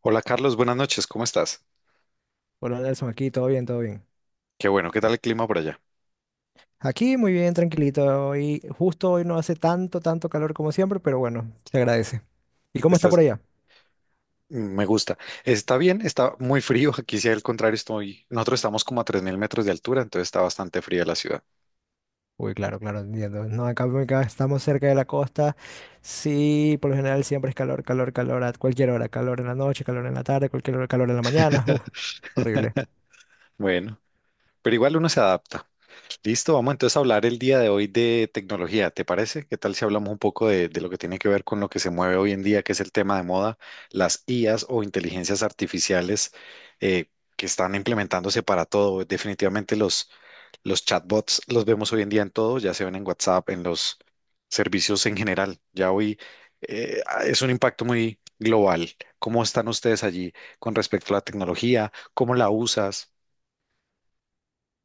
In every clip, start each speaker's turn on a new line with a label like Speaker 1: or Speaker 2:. Speaker 1: Hola Carlos, buenas noches, ¿cómo estás?
Speaker 2: Hola Nelson, aquí todo bien, todo bien.
Speaker 1: Qué bueno, ¿qué tal el clima por allá?
Speaker 2: Aquí muy bien, tranquilito. Y justo hoy no hace tanto calor como siempre, pero bueno, se agradece. ¿Y cómo está
Speaker 1: Estás,
Speaker 2: por allá?
Speaker 1: me gusta. Está bien, está muy frío. Aquí, si al contrario, estoy. Nosotros estamos como a 3.000 metros de altura, entonces está bastante fría la ciudad.
Speaker 2: Uy, claro, claro, entiendo. No, acá estamos cerca de la costa. Sí, por lo general siempre es calor, calor, calor a cualquier hora. Calor en la noche, calor en la tarde, cualquier hora, calor en la mañana. Uf, horrible.
Speaker 1: Bueno. Pero igual uno se adapta. Listo, vamos entonces a hablar el día de hoy de tecnología, ¿te parece? ¿Qué tal si hablamos un poco de lo que tiene que ver con lo que se mueve hoy en día, que es el tema de moda, las IAs o inteligencias artificiales eh, que están implementándose para todo? Definitivamente los chatbots los vemos hoy en día en todo, ya se ven en WhatsApp, en los servicios en general. Ya hoy es un impacto muy global. ¿Cómo están ustedes allí con respecto a la tecnología? ¿Cómo la usas?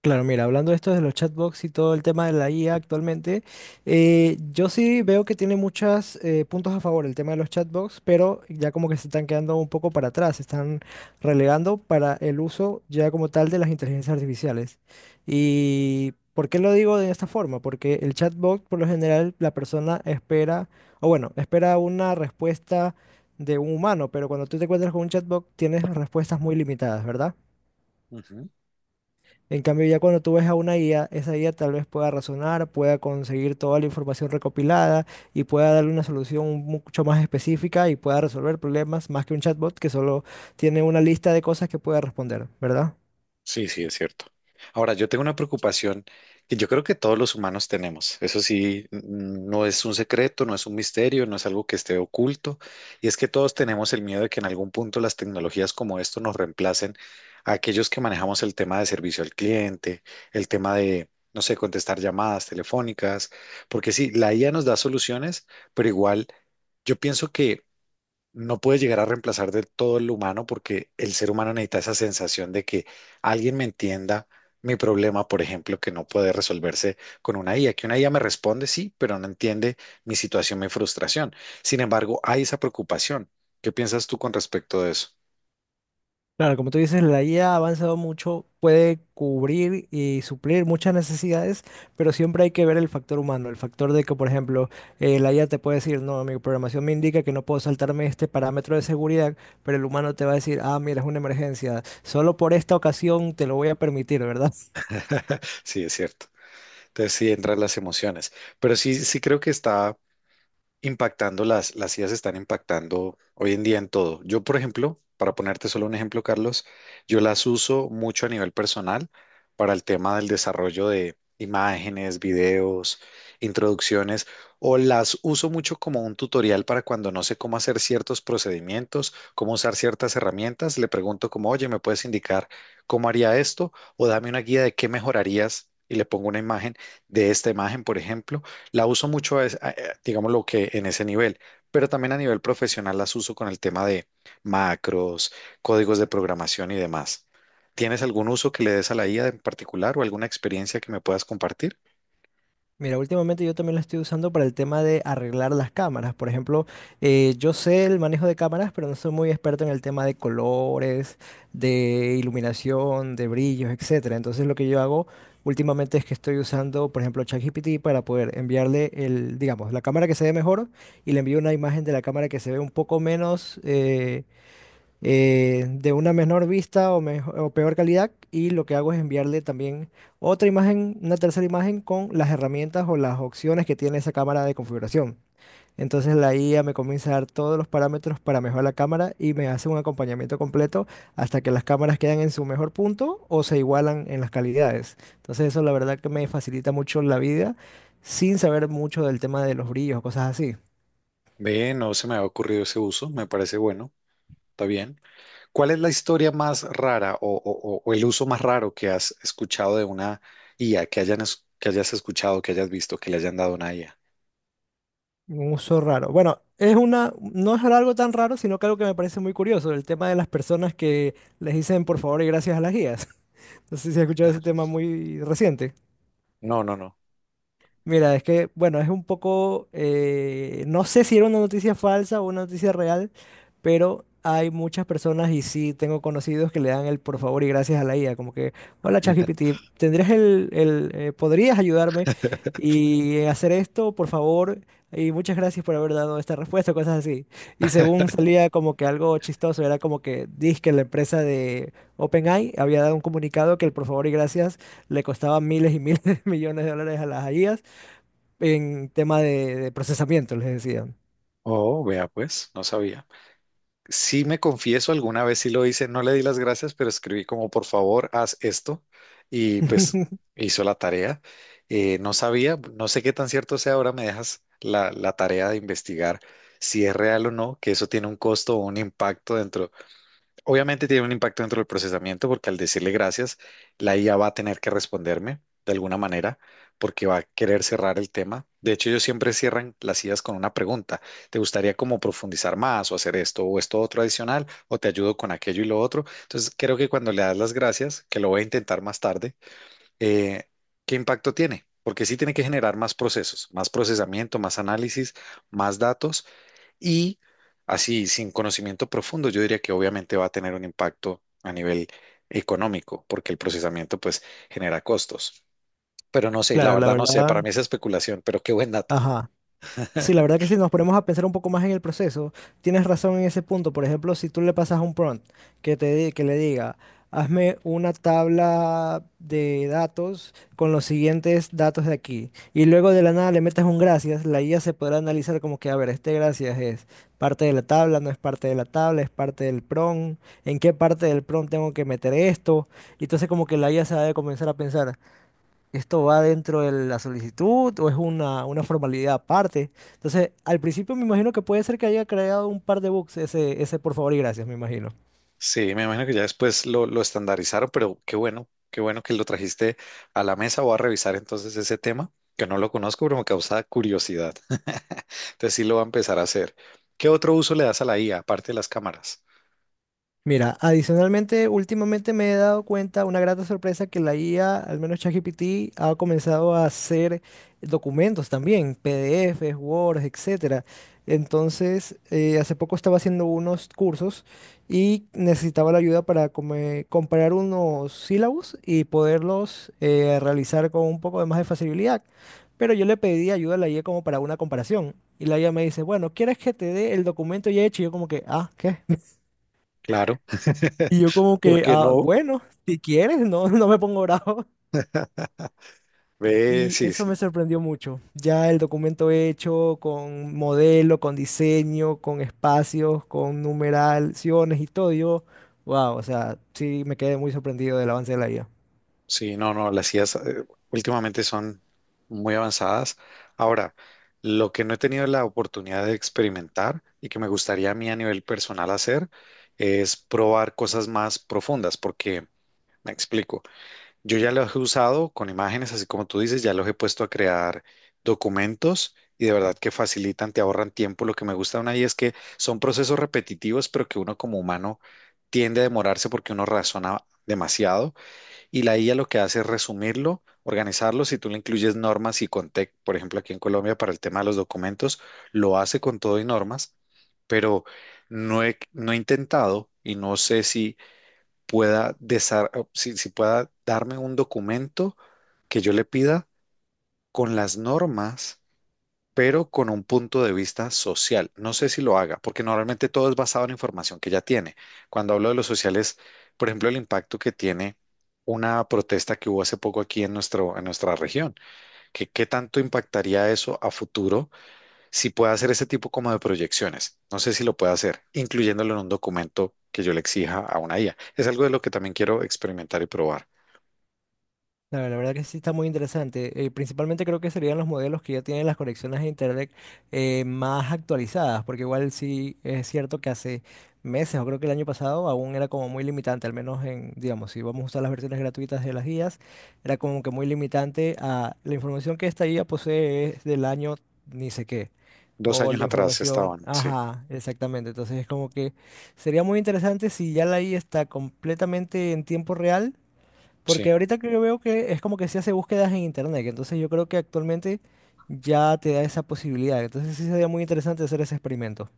Speaker 2: Claro, mira, hablando de esto de los chatbots y todo el tema de la IA actualmente, yo sí veo que tiene muchos puntos a favor el tema de los chatbots, pero ya como que se están quedando un poco para atrás, se están relegando para el uso ya como tal de las inteligencias artificiales. ¿Y por qué lo digo de esta forma? Porque el chatbot, por lo general, la persona espera, o bueno, espera una respuesta de un humano, pero cuando tú te encuentras con un chatbot, tienes respuestas muy limitadas, ¿verdad? En cambio, ya cuando tú ves a una IA, esa IA tal vez pueda razonar, pueda conseguir toda la información recopilada y pueda darle una solución mucho más específica y pueda resolver problemas más que un chatbot que solo tiene una lista de cosas que pueda responder, ¿verdad?
Speaker 1: Sí, sí, es cierto. Ahora, yo tengo una preocupación que yo creo que todos los humanos tenemos. Eso sí, no es un secreto, no es un misterio, no es algo que esté oculto. Y es que todos tenemos el miedo de que en algún punto las tecnologías como esto nos reemplacen a aquellos que manejamos el tema de servicio al cliente, el tema de, no sé, contestar llamadas telefónicas. Porque sí, la IA nos da soluciones, pero igual yo pienso que no puede llegar a reemplazar del todo el humano porque el ser humano necesita esa sensación de que alguien me entienda mi problema, por ejemplo, que no puede resolverse con una IA, que una IA me responde sí, pero no entiende mi situación, mi frustración. Sin embargo, hay esa preocupación. ¿Qué piensas tú con respecto de eso?
Speaker 2: Claro, como tú dices, la IA ha avanzado mucho, puede cubrir y suplir muchas necesidades, pero siempre hay que ver el factor humano, el factor de que, por ejemplo, la IA te puede decir, no, mi programación me indica que no puedo saltarme este parámetro de seguridad, pero el humano te va a decir, ah, mira, es una emergencia, solo por esta ocasión te lo voy a permitir, ¿verdad?
Speaker 1: Sí, es cierto. Entonces sí entran las emociones, pero sí, sí creo que está impactando, las IAs están impactando hoy en día en todo. Yo, por ejemplo, para ponerte solo un ejemplo, Carlos, yo las uso mucho a nivel personal para el tema del desarrollo de imágenes, videos, introducciones, o las uso mucho como un tutorial para cuando no sé cómo hacer ciertos procedimientos, cómo usar ciertas herramientas, le pregunto como, oye, ¿me puedes indicar cómo haría esto? O dame una guía de qué mejorarías. Y le pongo una imagen de esta imagen, por ejemplo la uso mucho, es, digamos, lo que en ese nivel, pero también a nivel profesional las uso con el tema de macros, códigos de programación y demás. ¿Tienes algún uso que le des a la IA en particular o alguna experiencia que me puedas compartir?
Speaker 2: Mira, últimamente yo también lo estoy usando para el tema de arreglar las cámaras. Por ejemplo, yo sé el manejo de cámaras, pero no soy muy experto en el tema de colores, de iluminación, de brillos, etcétera. Entonces lo que yo hago últimamente es que estoy usando, por ejemplo, ChatGPT para poder enviarle el, digamos, la cámara que se ve mejor y le envío una imagen de la cámara que se ve un poco menos, de una menor vista o, o peor calidad y lo que hago es enviarle también otra imagen, una tercera imagen con las herramientas o las opciones que tiene esa cámara de configuración. Entonces la IA me comienza a dar todos los parámetros para mejorar la cámara y me hace un acompañamiento completo hasta que las cámaras quedan en su mejor punto o se igualan en las calidades. Entonces eso la verdad que me facilita mucho la vida sin saber mucho del tema de los brillos o cosas así.
Speaker 1: Ve, no se me ha ocurrido ese uso, me parece bueno, está bien. ¿Cuál es la historia más rara o el uso más raro que has escuchado de una IA, que hayan, que hayas escuchado, que hayas visto, que le hayan dado una IA?
Speaker 2: Un uso raro. Bueno, es una, no es algo tan raro, sino que algo que me parece muy curioso, el tema de las personas que les dicen por favor y gracias a las guías. No sé si has escuchado ese tema muy reciente.
Speaker 1: No, no, no.
Speaker 2: Mira, es que, bueno, es un poco, no sé si era una noticia falsa o una noticia real, pero hay muchas personas y sí tengo conocidos que le dan el por favor y gracias a la IA, como que, hola ChatGPT, tendrías podrías ayudarme y hacer esto, por favor, y muchas gracias por haber dado esta respuesta, cosas así. Y según salía como que algo chistoso, era como que la empresa de OpenAI, había dado un comunicado que el por favor y gracias le costaba miles y miles de millones de dólares a las IA en tema de procesamiento, les decía.
Speaker 1: Oh, vea, pues, no sabía. Sí me confieso, alguna vez sí lo hice, no le di las gracias, pero escribí como por favor, haz esto y pues hizo la tarea. No sabía, no sé qué tan cierto sea, ahora me dejas la tarea de investigar si es real o no, que eso tiene un costo o un impacto dentro. Obviamente tiene un impacto dentro del procesamiento porque al decirle gracias, la IA va a tener que responderme de alguna manera porque va a querer cerrar el tema. De hecho, ellos siempre cierran las IAs con una pregunta. ¿Te gustaría como profundizar más o hacer esto o esto otro adicional o te ayudo con aquello y lo otro? Entonces, creo que cuando le das las gracias, que lo voy a intentar más tarde, eh, ¿qué impacto tiene? Porque sí tiene que generar más procesos, más procesamiento, más análisis, más datos y así, sin conocimiento profundo, yo diría que obviamente va a tener un impacto a nivel económico, porque el procesamiento pues genera costos. Pero no sé, la
Speaker 2: Claro, la
Speaker 1: verdad no sé, para
Speaker 2: verdad.
Speaker 1: mí es especulación, pero qué buen dato.
Speaker 2: Ajá. Sí, la verdad que si nos ponemos a pensar un poco más en el proceso, tienes razón en ese punto. Por ejemplo, si tú le pasas un prompt que le diga, hazme una tabla de datos con los siguientes datos de aquí, y luego de la nada le metes un gracias, la IA se podrá analizar como que, a ver, este gracias es parte de la tabla, no es parte de la tabla, es parte del prompt, en qué parte del prompt tengo que meter esto. Y entonces como que la IA se va a comenzar a pensar. ¿Esto va dentro de la solicitud o es una formalidad aparte? Entonces, al principio me imagino que puede ser que haya creado un par de bugs ese por favor y gracias, me imagino.
Speaker 1: Sí, me imagino que ya después lo estandarizaron, pero qué bueno que lo trajiste a la mesa. Voy a revisar entonces ese tema, que no lo conozco, pero me causa curiosidad. Entonces sí lo va a empezar a hacer. ¿Qué otro uso le das a la IA, aparte de las cámaras?
Speaker 2: Mira, adicionalmente, últimamente me he dado cuenta, una grata sorpresa, que la IA, al menos ChatGPT, ha comenzado a hacer documentos también, PDFs, Word, etcétera. Entonces, hace poco estaba haciendo unos cursos y necesitaba la ayuda para comparar unos sílabos y poderlos realizar con un poco de más de facilidad. Pero yo le pedí ayuda a la IA como para una comparación. Y la IA me dice, bueno, ¿quieres que te dé el documento ya hecho? Y yo como que, ah, ¿qué?
Speaker 1: Claro,
Speaker 2: Y yo como
Speaker 1: ¿por
Speaker 2: que,
Speaker 1: qué
Speaker 2: ah,
Speaker 1: no?
Speaker 2: bueno, si quieres, no, no me pongo bravo.
Speaker 1: Ve,
Speaker 2: Y
Speaker 1: sí,
Speaker 2: eso
Speaker 1: sí.
Speaker 2: me sorprendió mucho. Ya el documento hecho con modelo, con diseño, con espacios, con numeraciones y todo, yo, wow, o sea, sí me quedé muy sorprendido del avance de la IA.
Speaker 1: Sí, no, no, las IAs últimamente son muy avanzadas. Ahora, lo que no he tenido la oportunidad de experimentar y que me gustaría a mí a nivel personal hacer es probar cosas más profundas, porque me explico, yo ya los he usado con imágenes, así como tú dices, ya los he puesto a crear documentos y de verdad que facilitan, te ahorran tiempo. Lo que me gusta de una IA es que son procesos repetitivos, pero que uno como humano tiende a demorarse porque uno razona demasiado y la IA lo que hace es resumirlo, organizarlo. Si tú le incluyes normas y contexto, por ejemplo, aquí en Colombia para el tema de los documentos, lo hace con todo y normas, pero no he intentado y no sé si pueda, si pueda darme un documento que yo le pida con las normas pero con un punto de vista social. No sé si lo haga, porque normalmente todo es basado en la información que ya tiene. Cuando hablo de los sociales, por ejemplo, el impacto que tiene una protesta que hubo hace poco aquí en nuestro, en nuestra región, que qué tanto impactaría eso a futuro si puede hacer ese tipo como de proyecciones. No sé si lo puede hacer, incluyéndolo en un documento que yo le exija a una IA. Es algo de lo que también quiero experimentar y probar.
Speaker 2: Claro, la verdad que sí está muy interesante. Principalmente creo que serían los modelos que ya tienen las conexiones de Internet más actualizadas, porque igual sí es cierto que hace meses, o creo que el año pasado, aún era como muy limitante, al menos en, digamos, si vamos a usar las versiones gratuitas de las guías, era como que muy limitante a la información que esta guía posee es del año ni sé qué.
Speaker 1: Dos
Speaker 2: O
Speaker 1: años
Speaker 2: la
Speaker 1: atrás
Speaker 2: información,
Speaker 1: estaban, sí,
Speaker 2: ajá, exactamente. Entonces es como que sería muy interesante si ya la guía está completamente en tiempo real
Speaker 1: sí.
Speaker 2: porque ahorita que yo veo que es como que se hace búsquedas en internet, que entonces yo creo que actualmente ya te da esa posibilidad. Entonces sí sería muy interesante hacer ese experimento.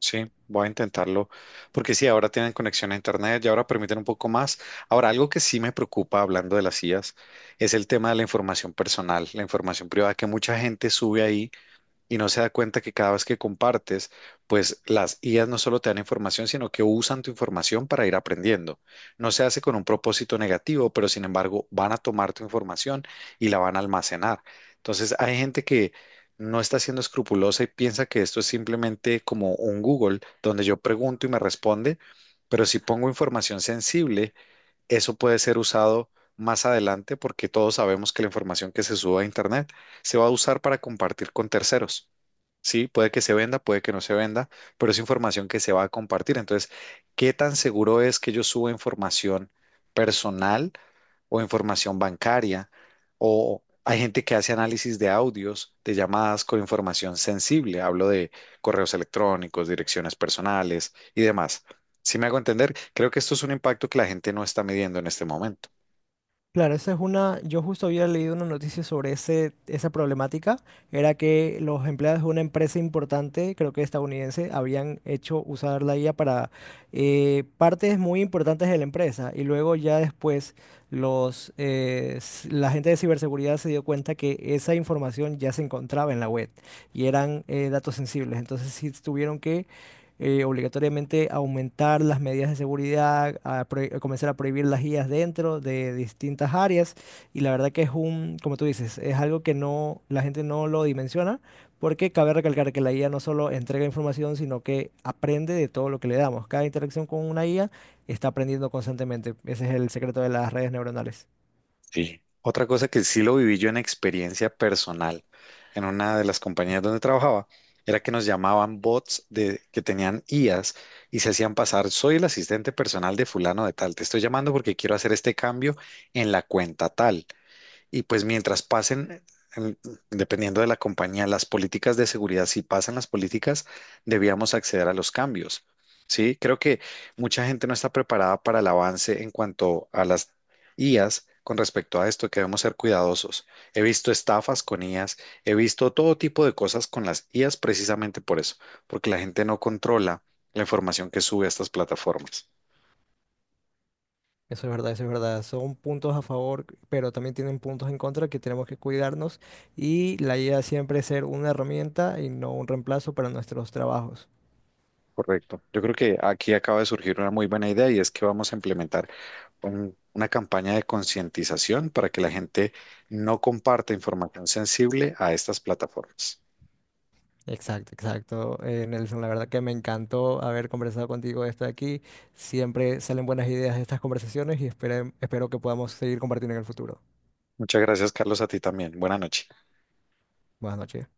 Speaker 1: Sí, voy a intentarlo, porque sí, ahora tienen conexión a Internet y ahora permiten un poco más. Ahora, algo que sí me preocupa hablando de las IAs es el tema de la información personal, la información privada que mucha gente sube ahí y no se da cuenta que cada vez que compartes, pues las IAs no solo te dan información, sino que usan tu información para ir aprendiendo. No se hace con un propósito negativo, pero sin embargo van a tomar tu información y la van a almacenar. Entonces hay gente que no está siendo escrupulosa y piensa que esto es simplemente como un Google, donde yo pregunto y me responde, pero si pongo información sensible, eso puede ser usado. Más adelante, porque todos sabemos que la información que se sube a Internet se va a usar para compartir con terceros. Sí, puede que se venda, puede que no se venda, pero es información que se va a compartir. Entonces, ¿qué tan seguro es que yo suba información personal o información bancaria? O hay gente que hace análisis de audios, de llamadas con información sensible. Hablo de correos electrónicos, direcciones personales y demás. Si me hago entender, creo que esto es un impacto que la gente no está midiendo en este momento.
Speaker 2: Claro, esa es una, yo justo había leído una noticia sobre esa problemática, era que los empleados de una empresa importante, creo que estadounidense, habían hecho usar la IA para partes muy importantes de la empresa y luego ya después la gente de ciberseguridad se dio cuenta que esa información ya se encontraba en la web y eran datos sensibles, entonces sí tuvieron que obligatoriamente aumentar las medidas de seguridad, a comenzar a prohibir las IAs dentro de distintas áreas. Y la verdad que es como tú dices, es algo que no, la gente no lo dimensiona, porque cabe recalcar que la IA no solo entrega información, sino que aprende de todo lo que le damos. Cada interacción con una IA está aprendiendo constantemente. Ese es el secreto de las redes neuronales.
Speaker 1: Sí. Otra cosa que sí lo viví yo en experiencia personal en una de las compañías donde trabajaba era que nos llamaban bots de, que tenían IAs y se hacían pasar, soy el asistente personal de fulano de tal, te estoy llamando porque quiero hacer este cambio en la cuenta tal. Y pues mientras pasen, en- dependiendo de la compañía, las políticas de seguridad, si pasan las políticas, debíamos acceder a los cambios. Sí, creo que mucha gente no está preparada para el avance en cuanto a las IAs con respecto a esto, que debemos ser cuidadosos. He visto estafas con IAs, he visto todo tipo de cosas con las IAs precisamente por eso, porque la gente no controla la información que sube a estas plataformas.
Speaker 2: Eso es verdad, eso es verdad. Son puntos a favor, pero también tienen puntos en contra que tenemos que cuidarnos y la idea siempre es ser una herramienta y no un reemplazo para nuestros trabajos.
Speaker 1: Correcto. Yo creo que aquí acaba de surgir una muy buena idea y es que vamos a implementar una campaña de concientización para que la gente no comparta información sensible a estas plataformas.
Speaker 2: Exacto, exacto. Nelson, la verdad que me encantó haber conversado contigo de esto de aquí. Siempre salen buenas ideas de estas conversaciones y espero que podamos seguir compartiendo en el futuro.
Speaker 1: Muchas gracias, Carlos, a ti también. Buenas noches.
Speaker 2: Buenas noches.